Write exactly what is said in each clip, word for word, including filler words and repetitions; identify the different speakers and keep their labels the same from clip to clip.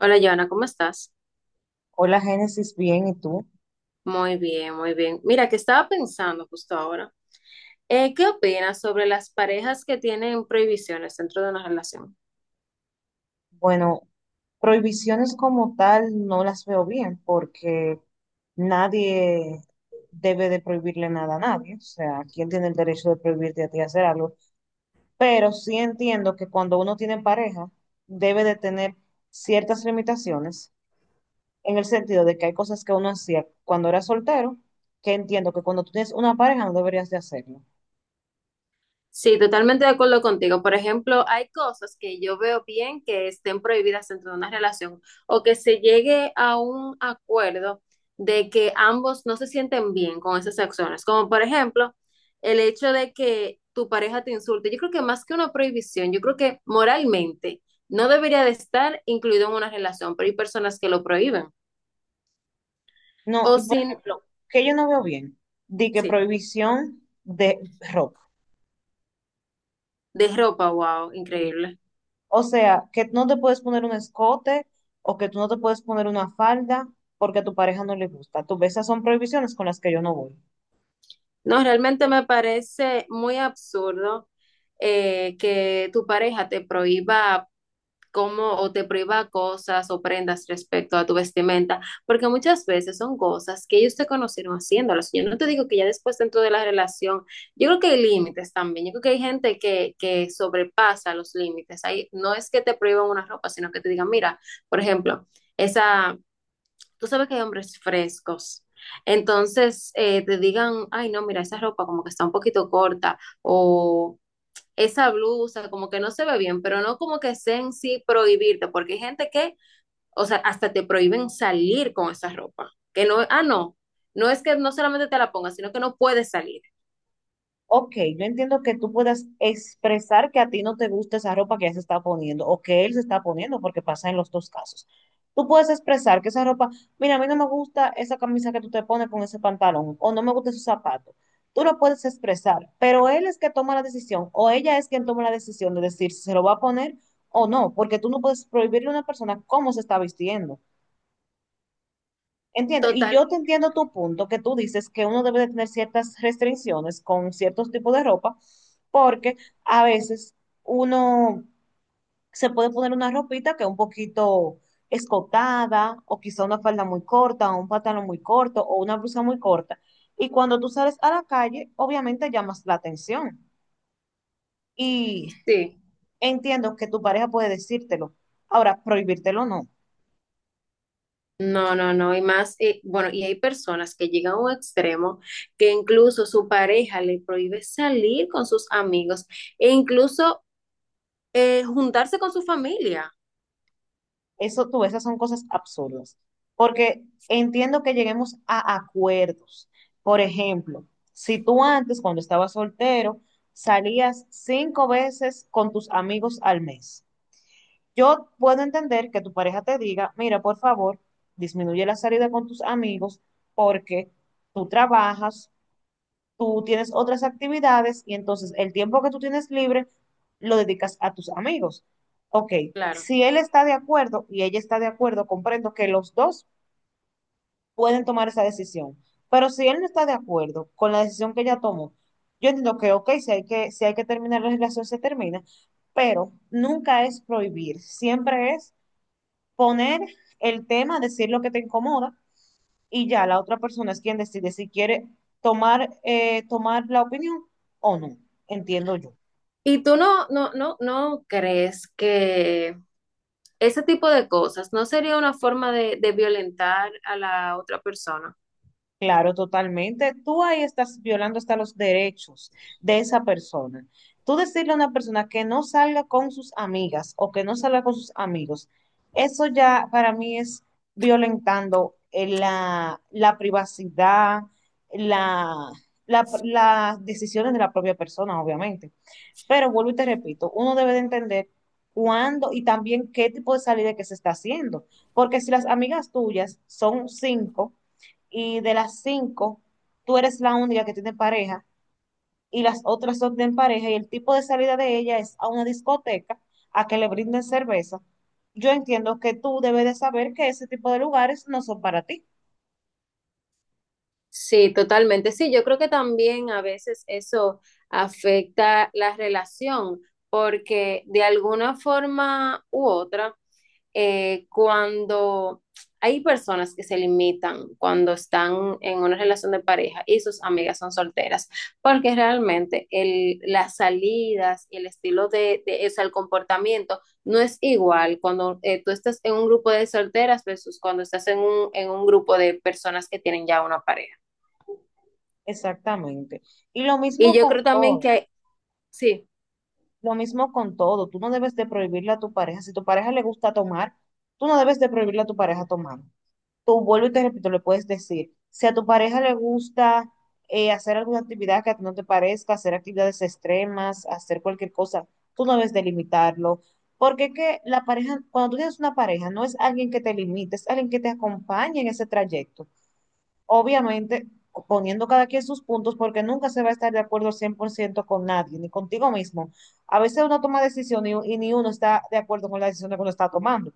Speaker 1: Hola, Joana, ¿cómo estás?
Speaker 2: Hola Génesis, bien, ¿y tú?
Speaker 1: Muy bien, muy bien. Mira, que estaba pensando justo ahora. Eh, ¿qué opinas sobre las parejas que tienen prohibiciones dentro de una relación?
Speaker 2: Bueno, prohibiciones como tal no las veo bien porque nadie debe de prohibirle nada a nadie. O sea, ¿quién tiene el derecho de prohibirte a ti hacer algo? Pero sí entiendo que cuando uno tiene pareja debe de tener ciertas limitaciones en el sentido de que hay cosas que uno hacía cuando era soltero que entiendo que cuando tú tienes una pareja no deberías de hacerlo.
Speaker 1: Sí, totalmente de acuerdo contigo. Por ejemplo, hay cosas que yo veo bien que estén prohibidas dentro de una relación o que se llegue a un acuerdo de que ambos no se sienten bien con esas acciones. Como por ejemplo, el hecho de que tu pareja te insulte. Yo creo que más que una prohibición, yo creo que moralmente no debería de estar incluido en una relación, pero hay personas que lo prohíben.
Speaker 2: No,
Speaker 1: O
Speaker 2: y por
Speaker 1: sin,
Speaker 2: ejemplo, que yo no veo bien, di que
Speaker 1: sí,
Speaker 2: prohibición de ropa.
Speaker 1: de ropa, wow, increíble.
Speaker 2: O sea, que no te puedes poner un escote o que tú no te puedes poner una falda porque a tu pareja no le gusta. Tú ves, esas son prohibiciones con las que yo no voy.
Speaker 1: No, realmente me parece muy absurdo, eh, que tu pareja te prohíba cómo o te prohíba cosas o prendas respecto a tu vestimenta, porque muchas veces son cosas que ellos te conocieron haciéndolas. Yo no te digo que ya después dentro de la relación, yo creo que hay límites también, yo creo que hay gente que, que sobrepasa los límites. Ahí no es que te prohíban una ropa, sino que te digan, mira, por ejemplo, esa, tú sabes que hay hombres frescos. Entonces, eh, te digan, ay, no, mira, esa ropa como que está un poquito corta o esa blusa como que no se ve bien, pero no como que sea en sí prohibirte, porque hay gente que, o sea, hasta te prohíben salir con esa ropa, que no, ah, no, no es que no solamente te la pongas, sino que no puedes salir.
Speaker 2: Ok, yo entiendo que tú puedas expresar que a ti no te gusta esa ropa que ella se está poniendo o que él se está poniendo, porque pasa en los dos casos. Tú puedes expresar que esa ropa, mira, a mí no me gusta esa camisa que tú te pones con ese pantalón o no me gusta esos zapatos. Tú lo puedes expresar, pero él es que toma la decisión o ella es quien toma la decisión de decir si se lo va a poner o no, porque tú no puedes prohibirle a una persona cómo se está vistiendo. Entiendo, y
Speaker 1: Total,
Speaker 2: yo te entiendo tu punto, que tú dices que uno debe de tener ciertas restricciones con ciertos tipos de ropa, porque a veces uno se puede poner una ropita que es un poquito escotada, o quizá una falda muy corta, o un pantalón muy corto, o una blusa muy corta. Y cuando tú sales a la calle, obviamente llamas la atención. Y
Speaker 1: sí.
Speaker 2: entiendo que tu pareja puede decírtelo. Ahora, prohibírtelo no.
Speaker 1: No, no, no, y más, eh, bueno, y hay personas que llegan a un extremo que incluso su pareja le prohíbe salir con sus amigos e incluso eh, juntarse con su familia.
Speaker 2: Eso tú, ves, esas son cosas absurdas. Porque entiendo que lleguemos a acuerdos. Por ejemplo, si tú antes, cuando estabas soltero, salías cinco veces con tus amigos al mes, yo puedo entender que tu pareja te diga, mira, por favor, disminuye la salida con tus amigos porque tú trabajas, tú tienes otras actividades y entonces el tiempo que tú tienes libre lo dedicas a tus amigos. Ok,
Speaker 1: Claro.
Speaker 2: si él está de acuerdo y ella está de acuerdo, comprendo que los dos pueden tomar esa decisión. Pero si él no está de acuerdo con la decisión que ella tomó, yo entiendo que, ok, si hay que, si hay que terminar la relación, se termina, pero nunca es prohibir, siempre es poner el tema, decir lo que te incomoda y ya la otra persona es quien decide si quiere tomar, eh, tomar la opinión o no, entiendo yo.
Speaker 1: ¿Y tú no, no, no, no crees que ese tipo de cosas no sería una forma de, de violentar a la otra persona?
Speaker 2: Claro, totalmente. Tú ahí estás violando hasta los derechos de esa persona. Tú decirle a una persona que no salga con sus amigas o que no salga con sus amigos, eso ya para mí es violentando eh, la, la privacidad, la, la- las decisiones de la propia persona, obviamente. Pero vuelvo y te repito, uno debe de entender cuándo y también qué tipo de salida que se está haciendo. Porque si las amigas tuyas son cinco y de las cinco tú eres la única que tiene pareja y las otras son de en pareja y el tipo de salida de ella es a una discoteca a que le brinden cerveza, yo entiendo que tú debes de saber que ese tipo de lugares no son para ti.
Speaker 1: Sí, totalmente. Sí, yo creo que también a veces eso afecta la relación, porque de alguna forma u otra, eh, cuando hay personas que se limitan cuando están en una relación de pareja y sus amigas son solteras, porque realmente el, las salidas y el estilo de, de o sea, el comportamiento no es igual cuando eh, tú estás en un grupo de solteras versus cuando estás en un, en un grupo de personas que tienen ya una pareja.
Speaker 2: Exactamente. Y lo
Speaker 1: Y
Speaker 2: mismo
Speaker 1: yo
Speaker 2: con
Speaker 1: creo también
Speaker 2: todo.
Speaker 1: que, sí.
Speaker 2: Lo mismo con todo, tú no debes de prohibirle a tu pareja. Si tu pareja le gusta tomar, tú no debes de prohibirle a tu pareja tomar. Tú vuelvo y te repito, le puedes decir, si a tu pareja le gusta eh, hacer alguna actividad que a ti no te parezca, hacer actividades extremas, hacer cualquier cosa, tú no debes de limitarlo. Porque es que la pareja, cuando tú tienes una pareja, no es alguien que te limite, es alguien que te acompañe en ese trayecto obviamente poniendo cada quien sus puntos, porque nunca se va a estar de acuerdo al cien por ciento con nadie, ni contigo mismo. A veces uno toma decisiones y, y ni uno está de acuerdo con la decisión que uno está tomando.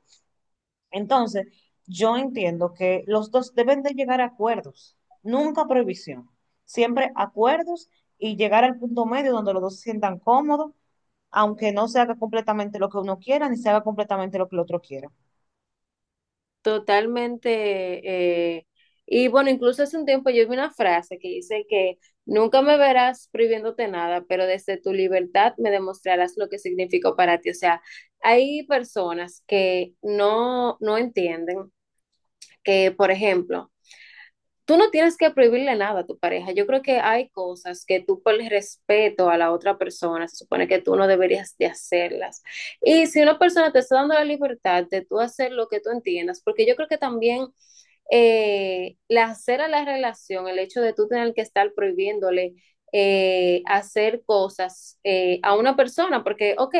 Speaker 2: Entonces, yo entiendo que los dos deben de llegar a acuerdos, nunca prohibición, siempre acuerdos y llegar al punto medio donde los dos se sientan cómodos aunque no se haga completamente lo que uno quiera, ni se haga completamente lo que el otro quiera.
Speaker 1: Totalmente. eh, y bueno, incluso hace un tiempo yo vi una frase que dice que nunca me verás prohibiéndote nada, pero desde tu libertad me demostrarás lo que significó para ti. O sea, hay personas que no, no entienden que, por ejemplo, tú no tienes que prohibirle nada a tu pareja. Yo creo que hay cosas que tú por el respeto a la otra persona, se supone que tú no deberías de hacerlas. Y si una persona te está dando la libertad de tú hacer lo que tú entiendas, porque yo creo que también eh, la hacer a la relación, el hecho de tú tener que estar prohibiéndole eh, hacer cosas eh, a una persona, porque, ok,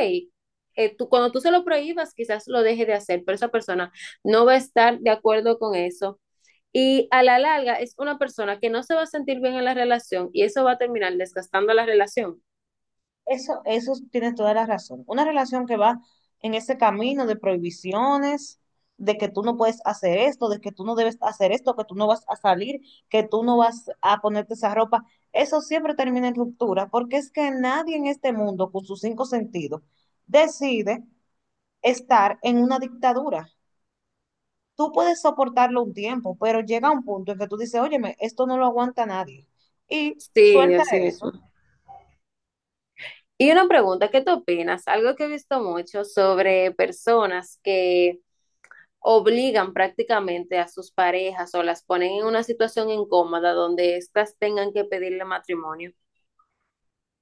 Speaker 1: eh, tú, cuando tú se lo prohíbas, quizás lo deje de hacer, pero esa persona no va a estar de acuerdo con eso. Y a la larga es una persona que no se va a sentir bien en la relación y eso va a terminar desgastando la relación.
Speaker 2: Eso, eso tienes toda la razón. Una relación que va en ese camino de prohibiciones, de que tú no puedes hacer esto, de que tú no debes hacer esto, que tú no vas a salir, que tú no vas a ponerte esa ropa, eso siempre termina en ruptura, porque es que nadie en este mundo, con sus cinco sentidos, decide estar en una dictadura. Tú puedes soportarlo un tiempo, pero llega un punto en que tú dices, óyeme, esto no lo aguanta nadie. Y
Speaker 1: Sí,
Speaker 2: suelta
Speaker 1: así mismo.
Speaker 2: eso.
Speaker 1: Y una pregunta, ¿qué tú opinas? Algo que he visto mucho sobre personas que obligan prácticamente a sus parejas o las ponen en una situación incómoda donde éstas tengan que pedirle matrimonio.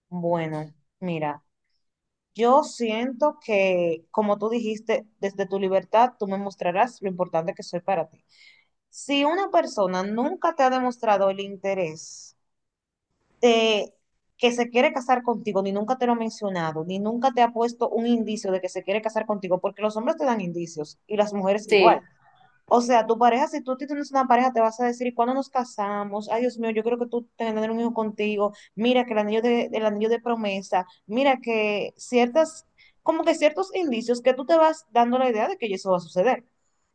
Speaker 2: Bueno, mira, yo siento que, como tú dijiste, desde tu libertad tú me mostrarás lo importante que soy para ti. Si una persona nunca te ha demostrado el interés de que se quiere casar contigo, ni nunca te lo ha mencionado, ni nunca te ha puesto un indicio de que se quiere casar contigo, porque los hombres te dan indicios y las mujeres
Speaker 1: Sí,
Speaker 2: igual. O sea, tu pareja, si tú tienes una pareja, te vas a decir, ¿cuándo nos casamos? Ay, Dios mío, yo creo que tú tienes que tener un hijo contigo. Mira que el anillo de, el anillo de promesa. Mira que ciertas, como que ciertos indicios que tú te vas dando la idea de que eso va a suceder.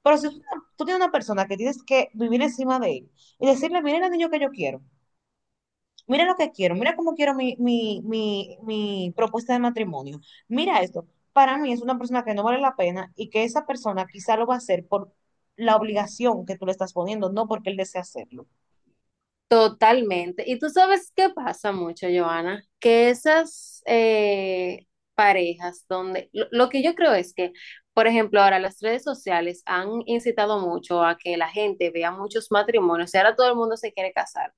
Speaker 2: Pero si tú, tú tienes una persona que tienes que vivir encima de él y decirle, mira el anillo que yo quiero. Mira lo que quiero, mira cómo quiero mi, mi, mi, mi propuesta de matrimonio. Mira esto, para mí es una persona que no vale la pena y que esa persona quizá lo va a hacer por la obligación que tú le estás poniendo, no porque él desea hacerlo.
Speaker 1: totalmente. Y tú sabes qué pasa mucho, Johanna, que esas eh, parejas donde lo, lo que yo creo es que, por ejemplo, ahora las redes sociales han incitado mucho a que la gente vea muchos matrimonios y ahora todo el mundo se quiere casar.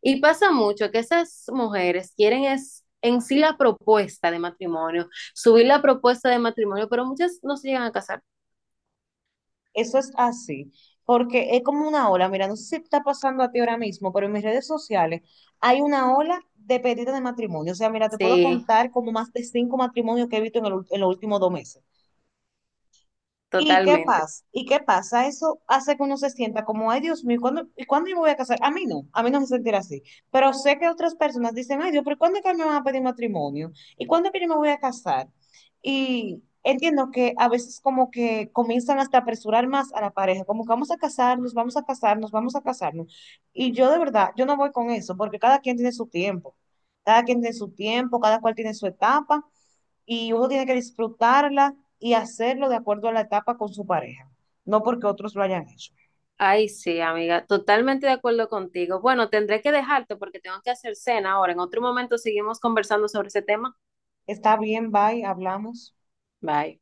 Speaker 1: Y pasa mucho que esas mujeres quieren es en sí la propuesta de matrimonio, subir la propuesta de matrimonio, pero muchas no se llegan a casar.
Speaker 2: Eso es así, porque es como una ola, mira, no sé si está pasando a ti ahora mismo, pero en mis redes sociales hay una ola de pedidos de matrimonio. O sea, mira, te puedo
Speaker 1: Sí,
Speaker 2: contar como más de cinco matrimonios que he visto en, el ul- en los últimos dos meses. ¿Y qué
Speaker 1: totalmente.
Speaker 2: pasa? ¿Y qué pasa? Eso hace que uno se sienta como, ay, Dios mío, ¿cuándo, ¿y cuándo yo me voy a casar? A mí no, a mí no me sentirá así. Pero sé que otras personas dicen, ay, Dios, pero ¿cuándo es que me van a pedir matrimonio? ¿Y cuándo es que yo me voy a casar? Y entiendo que a veces como que comienzan hasta a apresurar más a la pareja, como que vamos a casarnos, vamos a casarnos, vamos a casarnos. Y yo de verdad, yo no voy con eso, porque cada quien tiene su tiempo, cada quien tiene su tiempo, cada cual tiene su etapa y uno tiene que disfrutarla y hacerlo de acuerdo a la etapa con su pareja, no porque otros lo hayan hecho.
Speaker 1: Ay, sí, amiga, totalmente de acuerdo contigo. Bueno, tendré que dejarte porque tengo que hacer cena ahora. En otro momento seguimos conversando sobre ese tema.
Speaker 2: Está bien, bye, hablamos.
Speaker 1: Bye.